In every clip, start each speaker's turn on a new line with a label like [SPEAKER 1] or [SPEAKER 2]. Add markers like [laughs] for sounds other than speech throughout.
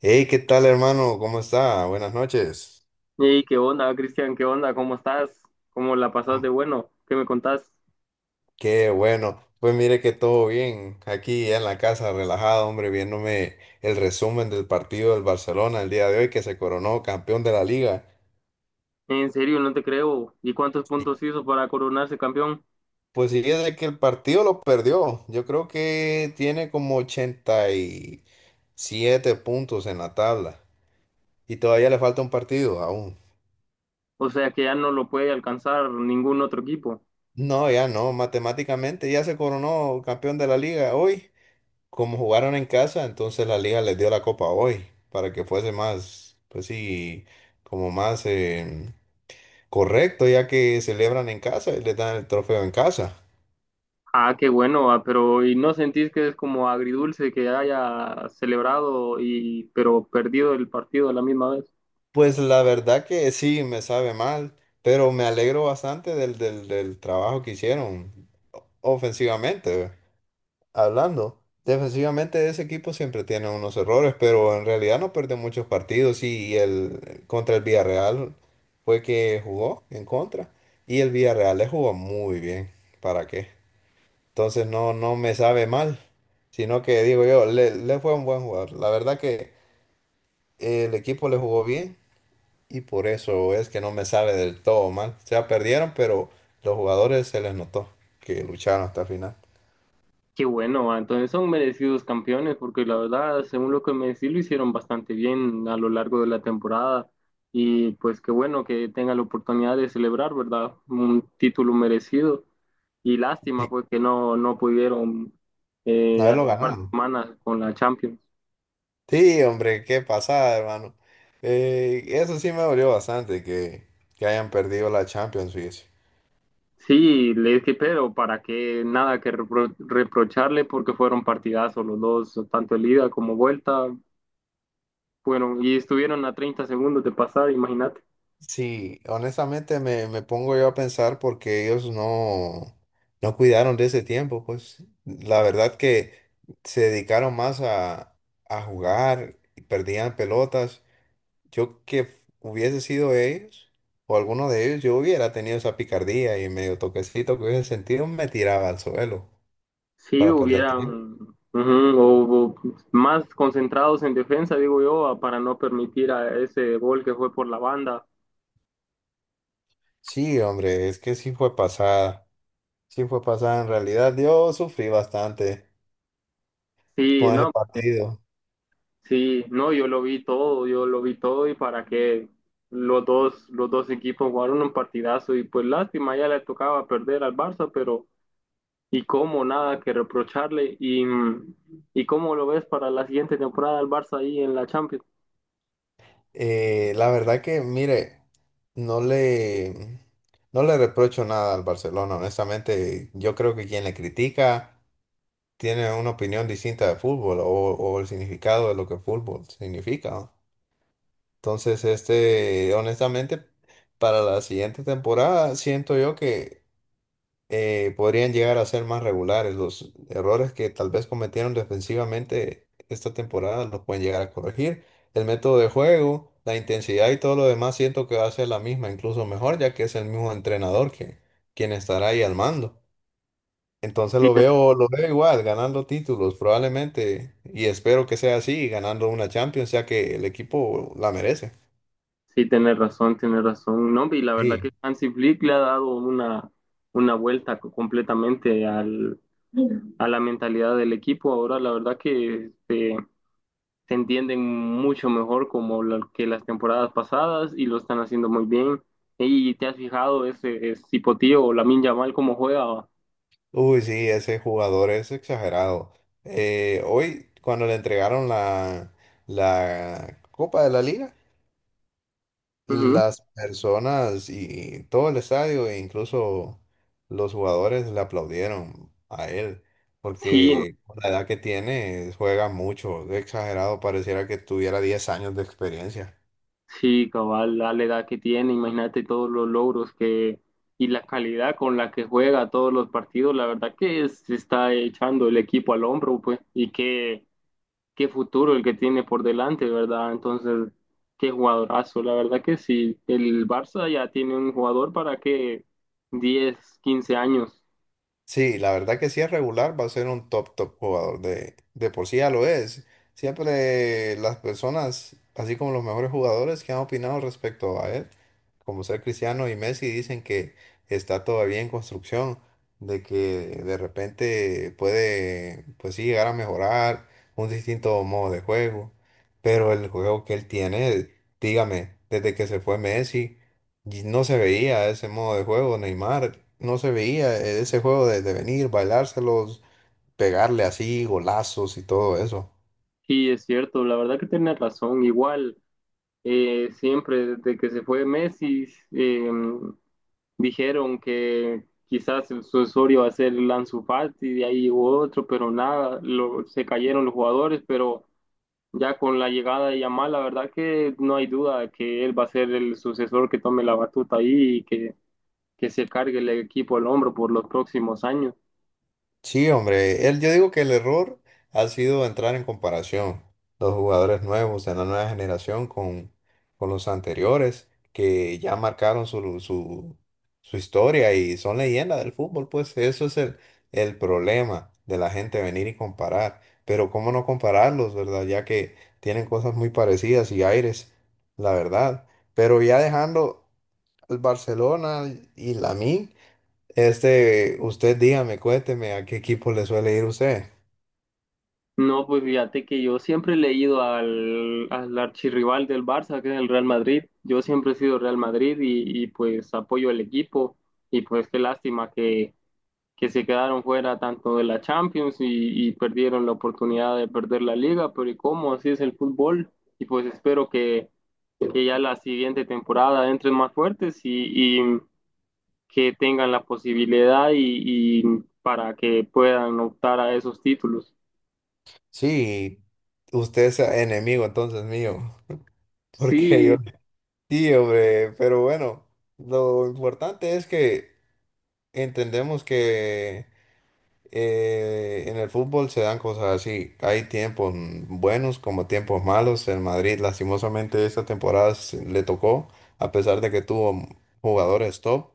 [SPEAKER 1] Hey, ¿qué tal, hermano? ¿Cómo está? Buenas noches.
[SPEAKER 2] Hey, ¿qué onda, Cristian? ¿Qué onda? ¿Cómo estás? ¿Cómo la pasás de ¿qué me contás?
[SPEAKER 1] Qué bueno. Pues mire que todo bien. Aquí en la casa, relajado, hombre, viéndome el resumen del partido del Barcelona el día de hoy que se coronó campeón de la liga.
[SPEAKER 2] En serio, no te creo. ¿Y cuántos puntos hizo para coronarse campeón?
[SPEAKER 1] Pues sí, es de que el partido lo perdió. Yo creo que tiene como 87 puntos en la tabla. Y todavía le falta un partido aún.
[SPEAKER 2] O sea que ya no lo puede alcanzar ningún otro equipo.
[SPEAKER 1] No, ya no. Matemáticamente ya se coronó campeón de la liga hoy. Como jugaron en casa, entonces la liga les dio la copa hoy para que fuese más, pues sí, como más correcto, ya que celebran en casa y les dan el trofeo en casa.
[SPEAKER 2] Ah, qué bueno, ah, pero ¿y no sentís que es como agridulce que haya celebrado y pero perdido el partido a la misma vez?
[SPEAKER 1] Pues la verdad que sí, me sabe mal, pero me alegro bastante del trabajo que hicieron ofensivamente. Hablando, defensivamente ese equipo siempre tiene unos errores, pero en realidad no perdió muchos partidos y el contra el Villarreal fue que jugó en contra y el Villarreal le jugó muy bien, ¿para qué? Entonces no, no me sabe mal, sino que digo yo, le fue un buen jugador. La verdad que el equipo le jugó bien y por eso es que no me sabe del todo mal. O sea, perdieron, pero los jugadores se les notó que lucharon hasta el final.
[SPEAKER 2] Qué bueno, ah, entonces son merecidos campeones, porque la verdad, según lo que me decís, lo hicieron bastante bien a lo largo de la temporada. Y pues qué bueno que tengan la oportunidad de celebrar, ¿verdad? Un título merecido. Y
[SPEAKER 1] Sí,
[SPEAKER 2] lástima, pues, que no pudieron
[SPEAKER 1] haberlo
[SPEAKER 2] hace un par de
[SPEAKER 1] ganado.
[SPEAKER 2] semanas con la Champions.
[SPEAKER 1] Sí, hombre, qué pasada, hermano. Eso sí me dolió bastante que hayan perdido la Champions, fíjese.
[SPEAKER 2] Sí, le dije, pero para qué nada que reprocharle, porque fueron partidazos los dos, tanto el ida como vuelta. Fueron, y estuvieron a 30 segundos de pasar, imagínate.
[SPEAKER 1] Sí, honestamente me pongo yo a pensar porque ellos no cuidaron de ese tiempo, pues la verdad que se dedicaron más a jugar, y perdían pelotas. Yo que hubiese sido ellos o alguno de ellos, yo hubiera tenido esa picardía y medio toquecito que hubiese sentido, me tiraba al suelo
[SPEAKER 2] Sí,
[SPEAKER 1] para perder.
[SPEAKER 2] hubieran ujú, o más concentrados en defensa, digo yo, para no permitir a ese gol que fue por la banda.
[SPEAKER 1] Sí, hombre, es que sí fue pasada. Sí fue pasada. En realidad, yo sufrí bastante
[SPEAKER 2] Sí,
[SPEAKER 1] con ese
[SPEAKER 2] no,
[SPEAKER 1] partido.
[SPEAKER 2] sí, no, yo lo vi todo, yo lo vi todo y para que los dos equipos jugaron un partidazo y pues lástima, ya le tocaba perder al Barça, pero y cómo nada que reprocharle y cómo lo ves para la siguiente temporada al Barça ahí en la Champions.
[SPEAKER 1] La verdad que, mire, no le, no le reprocho nada al Barcelona. Honestamente, yo creo que quien le critica tiene una opinión distinta de fútbol o el significado de lo que fútbol significa, ¿no? Entonces, este, honestamente, para la siguiente temporada, siento yo que podrían llegar a ser más regulares. Los errores que tal vez cometieron defensivamente esta temporada los pueden llegar a corregir. El método de juego, la intensidad y todo lo demás siento que va a ser la misma, incluso mejor, ya que es el mismo entrenador que quien estará ahí al mando. Entonces lo veo igual, ganando títulos probablemente, y espero que sea así, ganando una Champions, ya que el equipo la merece.
[SPEAKER 2] Sí, tienes razón, tienes razón. No, y la verdad
[SPEAKER 1] Sí.
[SPEAKER 2] que Hansi Flick le ha dado una vuelta completamente al, a la mentalidad del equipo. Ahora, la verdad que se entienden mucho mejor como que las temporadas pasadas y lo están haciendo muy bien. Y te has fijado ese, ese Cipotí o Lamine Yamal cómo juega.
[SPEAKER 1] Uy, sí, ese jugador es exagerado. Hoy, cuando le entregaron la, la Copa de la Liga,
[SPEAKER 2] Ujú.
[SPEAKER 1] las personas y todo el estadio, e incluso los jugadores, le aplaudieron a él,
[SPEAKER 2] Sí,
[SPEAKER 1] porque con la edad que tiene, juega mucho, es exagerado, pareciera que tuviera 10 años de experiencia.
[SPEAKER 2] Sí, cabal, la edad que tiene, imagínate todos los logros que y la calidad con la que juega todos los partidos, la verdad que se está echando el equipo al hombro, pues, y qué, qué futuro el que tiene por delante, ¿verdad? Entonces, qué jugadorazo, la verdad que sí, el Barça ya tiene un jugador para que 10 15 años,
[SPEAKER 1] Sí, la verdad que si es regular va a ser un top, top jugador. De por sí ya lo es. Siempre las personas, así como los mejores jugadores que han opinado respecto a él, como ser Cristiano y Messi, dicen que está todavía en construcción, de que de repente puede, pues sí, llegar a mejorar un distinto modo de juego. Pero el juego que él tiene, dígame, desde que se fue Messi. Y no se veía ese modo de juego, Neymar, no se veía ese juego de venir, bailárselos, pegarle así, golazos y todo eso.
[SPEAKER 2] sí es cierto, la verdad que tiene razón, igual, siempre desde que se fue Messi, eh, dijeron que quizás el sucesorio va a ser el Ansu Fati, de ahí hubo otro, pero nada, se cayeron los jugadores, pero ya con la llegada de Yamal, la verdad que no hay duda de que él va a ser el sucesor que tome la batuta ahí y que se cargue el equipo al hombro por los próximos años.
[SPEAKER 1] Sí, hombre, él, yo digo que el error ha sido entrar en comparación los jugadores nuevos de la nueva generación con los anteriores que ya marcaron su historia y son leyendas del fútbol, pues eso es el problema de la gente venir y comparar, pero cómo no compararlos, ¿verdad? Ya que tienen cosas muy parecidas y aires, la verdad, pero ya dejando el Barcelona y la mí. Este, usted dígame, cuénteme a qué equipo le suele ir usted.
[SPEAKER 2] No, pues fíjate que yo siempre he leído al, al archirrival del Barça, que es el Real Madrid. Yo siempre he sido Real Madrid y pues apoyo el equipo y pues qué lástima que se quedaron fuera tanto de la Champions y perdieron la oportunidad de perder la liga, pero ¿y cómo? Así es el fútbol. Y pues espero que ya la siguiente temporada entren más fuertes y que tengan la posibilidad y para que puedan optar a esos títulos.
[SPEAKER 1] Sí, usted es enemigo entonces mío, [laughs] porque yo
[SPEAKER 2] Sí,
[SPEAKER 1] sí, hombre, pero bueno, lo importante es que entendemos que en el fútbol se dan cosas así, hay tiempos buenos como tiempos malos, en Madrid lastimosamente esta temporada se- le tocó, a pesar de que tuvo jugadores top.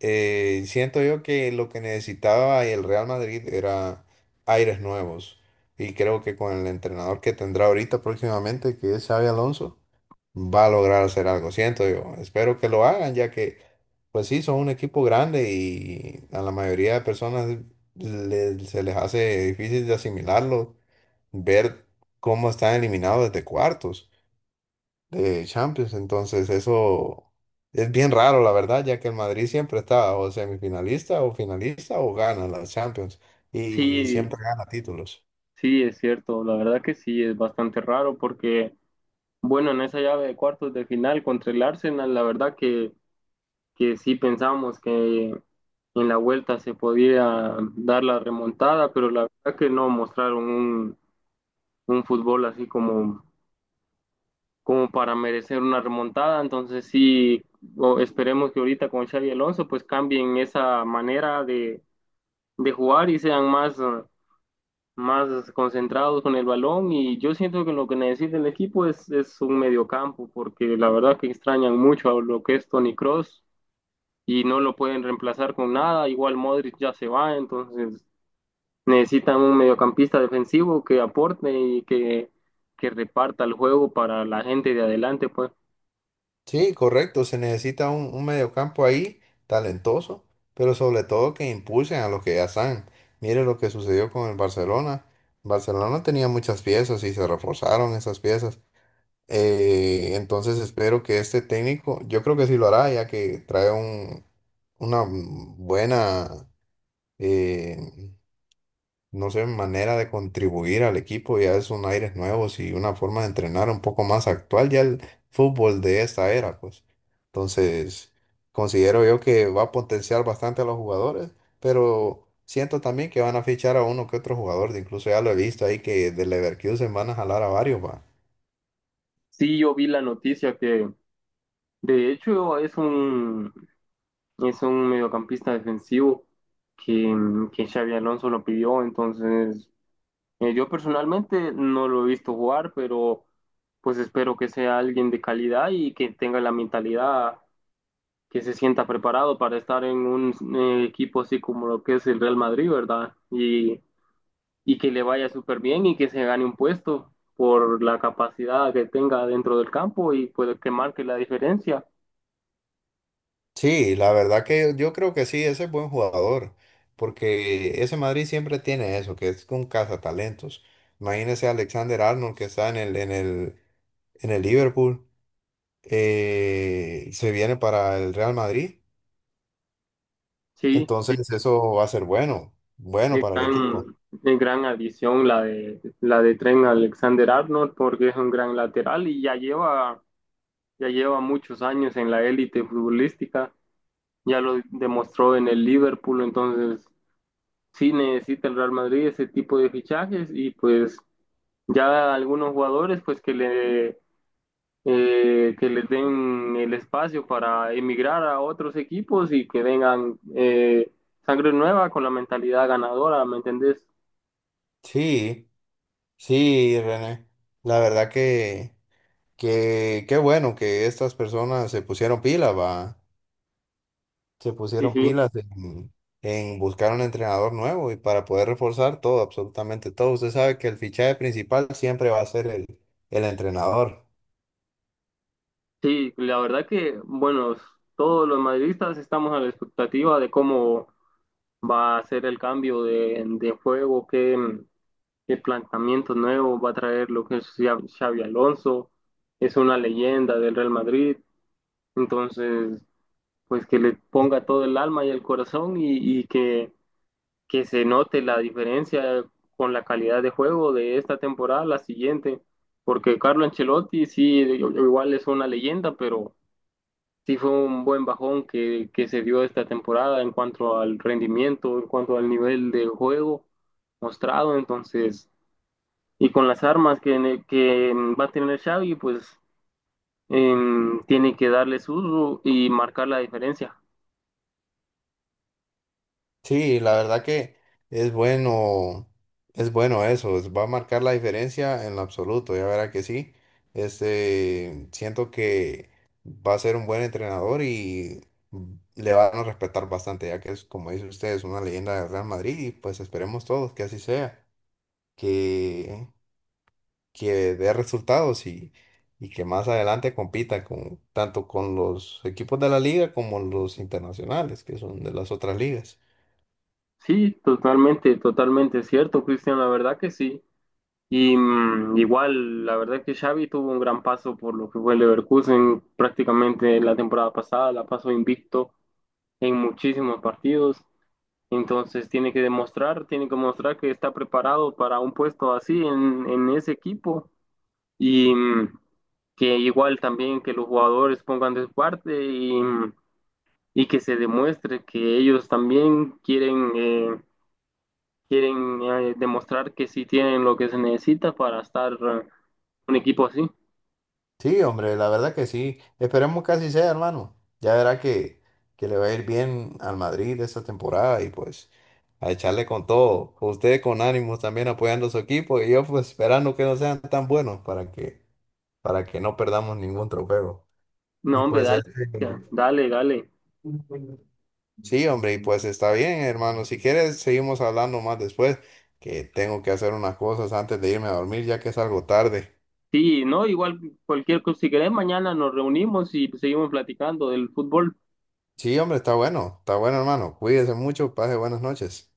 [SPEAKER 1] Siento yo que lo que necesitaba el Real Madrid era aires nuevos. Y creo que con el entrenador que tendrá ahorita próximamente, que es Xabi Alonso, va a lograr hacer algo. Siento yo. Espero que lo hagan, ya que, pues sí, son un equipo grande y a la mayoría de personas le- se les hace difícil de asimilarlo, ver cómo están eliminados desde cuartos de Champions. Entonces, eso es bien raro, la verdad, ya que el Madrid siempre está o semifinalista o finalista o gana la Champions y siempre
[SPEAKER 2] sí,
[SPEAKER 1] gana títulos.
[SPEAKER 2] sí, es cierto. La verdad que sí, es bastante raro porque, bueno, en esa llave de cuartos de final contra el Arsenal, la verdad que sí pensamos que en la vuelta se podía dar la remontada, pero la verdad que no mostraron un fútbol así como, como para merecer una remontada. Entonces sí, esperemos que ahorita con Xavi Alonso pues cambien esa manera de jugar y sean más, más concentrados con el balón. Y yo siento que lo que necesita el equipo es un mediocampo, porque la verdad que extrañan mucho a lo que es Toni Kroos. Y no lo pueden reemplazar con nada. Igual Modric ya se va, entonces necesitan un mediocampista defensivo que aporte y que reparta el juego para la gente de adelante, pues.
[SPEAKER 1] Sí, correcto, se necesita un mediocampo ahí talentoso, pero sobre todo que impulsen a los que ya están. Mire lo que sucedió con el Barcelona. Barcelona tenía muchas piezas y se reforzaron esas piezas. Entonces espero que este técnico, yo creo que sí lo hará, ya que trae un, una buena, eh, no sé, manera de contribuir al equipo, ya es un aires nuevos y una forma de entrenar un poco más actual, ya el fútbol de esta era, pues. Entonces, considero yo que va a potenciar bastante a los jugadores, pero siento también que van a fichar a uno que otro jugador, de incluso ya lo he visto ahí que de Leverkusen van a jalar a varios, va.
[SPEAKER 2] Sí, yo vi la noticia que de hecho es un mediocampista defensivo que, que Xavi Alonso lo pidió, entonces yo personalmente no lo he visto jugar, pero pues espero que sea alguien de calidad y que tenga la mentalidad que se sienta preparado para estar en un equipo así como lo que es el Real Madrid, ¿verdad? Y que le vaya súper bien y que se gane un puesto por la capacidad que tenga dentro del campo y puede que marque la diferencia.
[SPEAKER 1] Sí, la verdad que yo creo que sí, ese es buen jugador, porque ese Madrid siempre tiene eso, que es un cazatalentos. Imagínese a Alexander Arnold que está en el Liverpool, se viene para el Real Madrid,
[SPEAKER 2] Sí, sí,
[SPEAKER 1] entonces eso va a ser bueno, bueno
[SPEAKER 2] es
[SPEAKER 1] para el equipo.
[SPEAKER 2] gran, es gran adición la de Trent Alexander-Arnold porque es un gran lateral y ya lleva muchos años en la élite futbolística, ya lo demostró en el Liverpool, entonces sí necesita el Real Madrid ese tipo de fichajes y pues ya algunos jugadores pues que le que les den el espacio para emigrar a otros equipos y que vengan sangre nueva con la mentalidad ganadora, ¿me entendés?
[SPEAKER 1] Sí, sí, René, la verdad que qué bueno que estas personas se pusieron pilas, va. Se
[SPEAKER 2] Sí,
[SPEAKER 1] pusieron
[SPEAKER 2] sí.
[SPEAKER 1] pilas En buscar un entrenador nuevo y para poder reforzar todo, absolutamente todo. Usted sabe que el fichaje principal siempre va a ser el entrenador.
[SPEAKER 2] Sí, la verdad que, bueno, todos los madridistas estamos a la expectativa de cómo va a hacer el cambio de juego, qué, qué planteamientos nuevos va a traer lo que es Xavi Alonso, es una leyenda del Real Madrid, entonces pues que le ponga todo el alma y el corazón y que se note la diferencia con la calidad de juego de esta temporada a la siguiente, porque Carlo Ancelotti sí, igual es una leyenda, pero sí fue un buen bajón que se dio esta temporada en cuanto al rendimiento, en cuanto al nivel del juego mostrado, entonces, y con las armas que, que va a tener Xavi, pues tiene que darle su uso y marcar la diferencia.
[SPEAKER 1] Sí, la verdad que es bueno, es bueno eso, es- va a marcar la diferencia en lo absoluto, ya verá que sí. Este, siento que va a ser un buen entrenador y le van a respetar bastante, ya que es, como dice usted, es una leyenda del Real Madrid y pues esperemos todos que así sea que que dé resultados y que más adelante compita con, tanto con los equipos de la liga como los internacionales, que son de las otras ligas.
[SPEAKER 2] Sí, totalmente, totalmente cierto, Cristian, la verdad que sí. Y mm, igual, la verdad que Xavi tuvo un gran paso por lo que fue el Leverkusen prácticamente la temporada pasada, la pasó invicto en muchísimos partidos. Entonces tiene que demostrar, tiene que mostrar que está preparado para un puesto así en ese equipo y mm, que igual también que los jugadores pongan de su parte y, mm, y que se demuestre que ellos también quieren, quieren demostrar que sí tienen lo que se necesita para estar un equipo así.
[SPEAKER 1] Sí, hombre, la verdad que sí. Esperemos que así sea, hermano. Ya verá que le va a ir bien al Madrid esta temporada y pues a echarle con todo. Usted con ánimos también apoyando a su equipo y yo pues esperando que no sean tan buenos para que no perdamos ningún trofeo. Y
[SPEAKER 2] No, hombre,
[SPEAKER 1] pues
[SPEAKER 2] dale,
[SPEAKER 1] este,
[SPEAKER 2] ya, dale, dale.
[SPEAKER 1] sí, hombre, y pues está bien, hermano. Si quieres, seguimos hablando más después, que tengo que hacer unas cosas antes de irme a dormir, ya que es algo tarde.
[SPEAKER 2] Sí, no, igual cualquier cosa, si querés, mañana nos reunimos y seguimos platicando del fútbol.
[SPEAKER 1] Sí, hombre, está bueno, hermano. Cuídese mucho, pase buenas noches.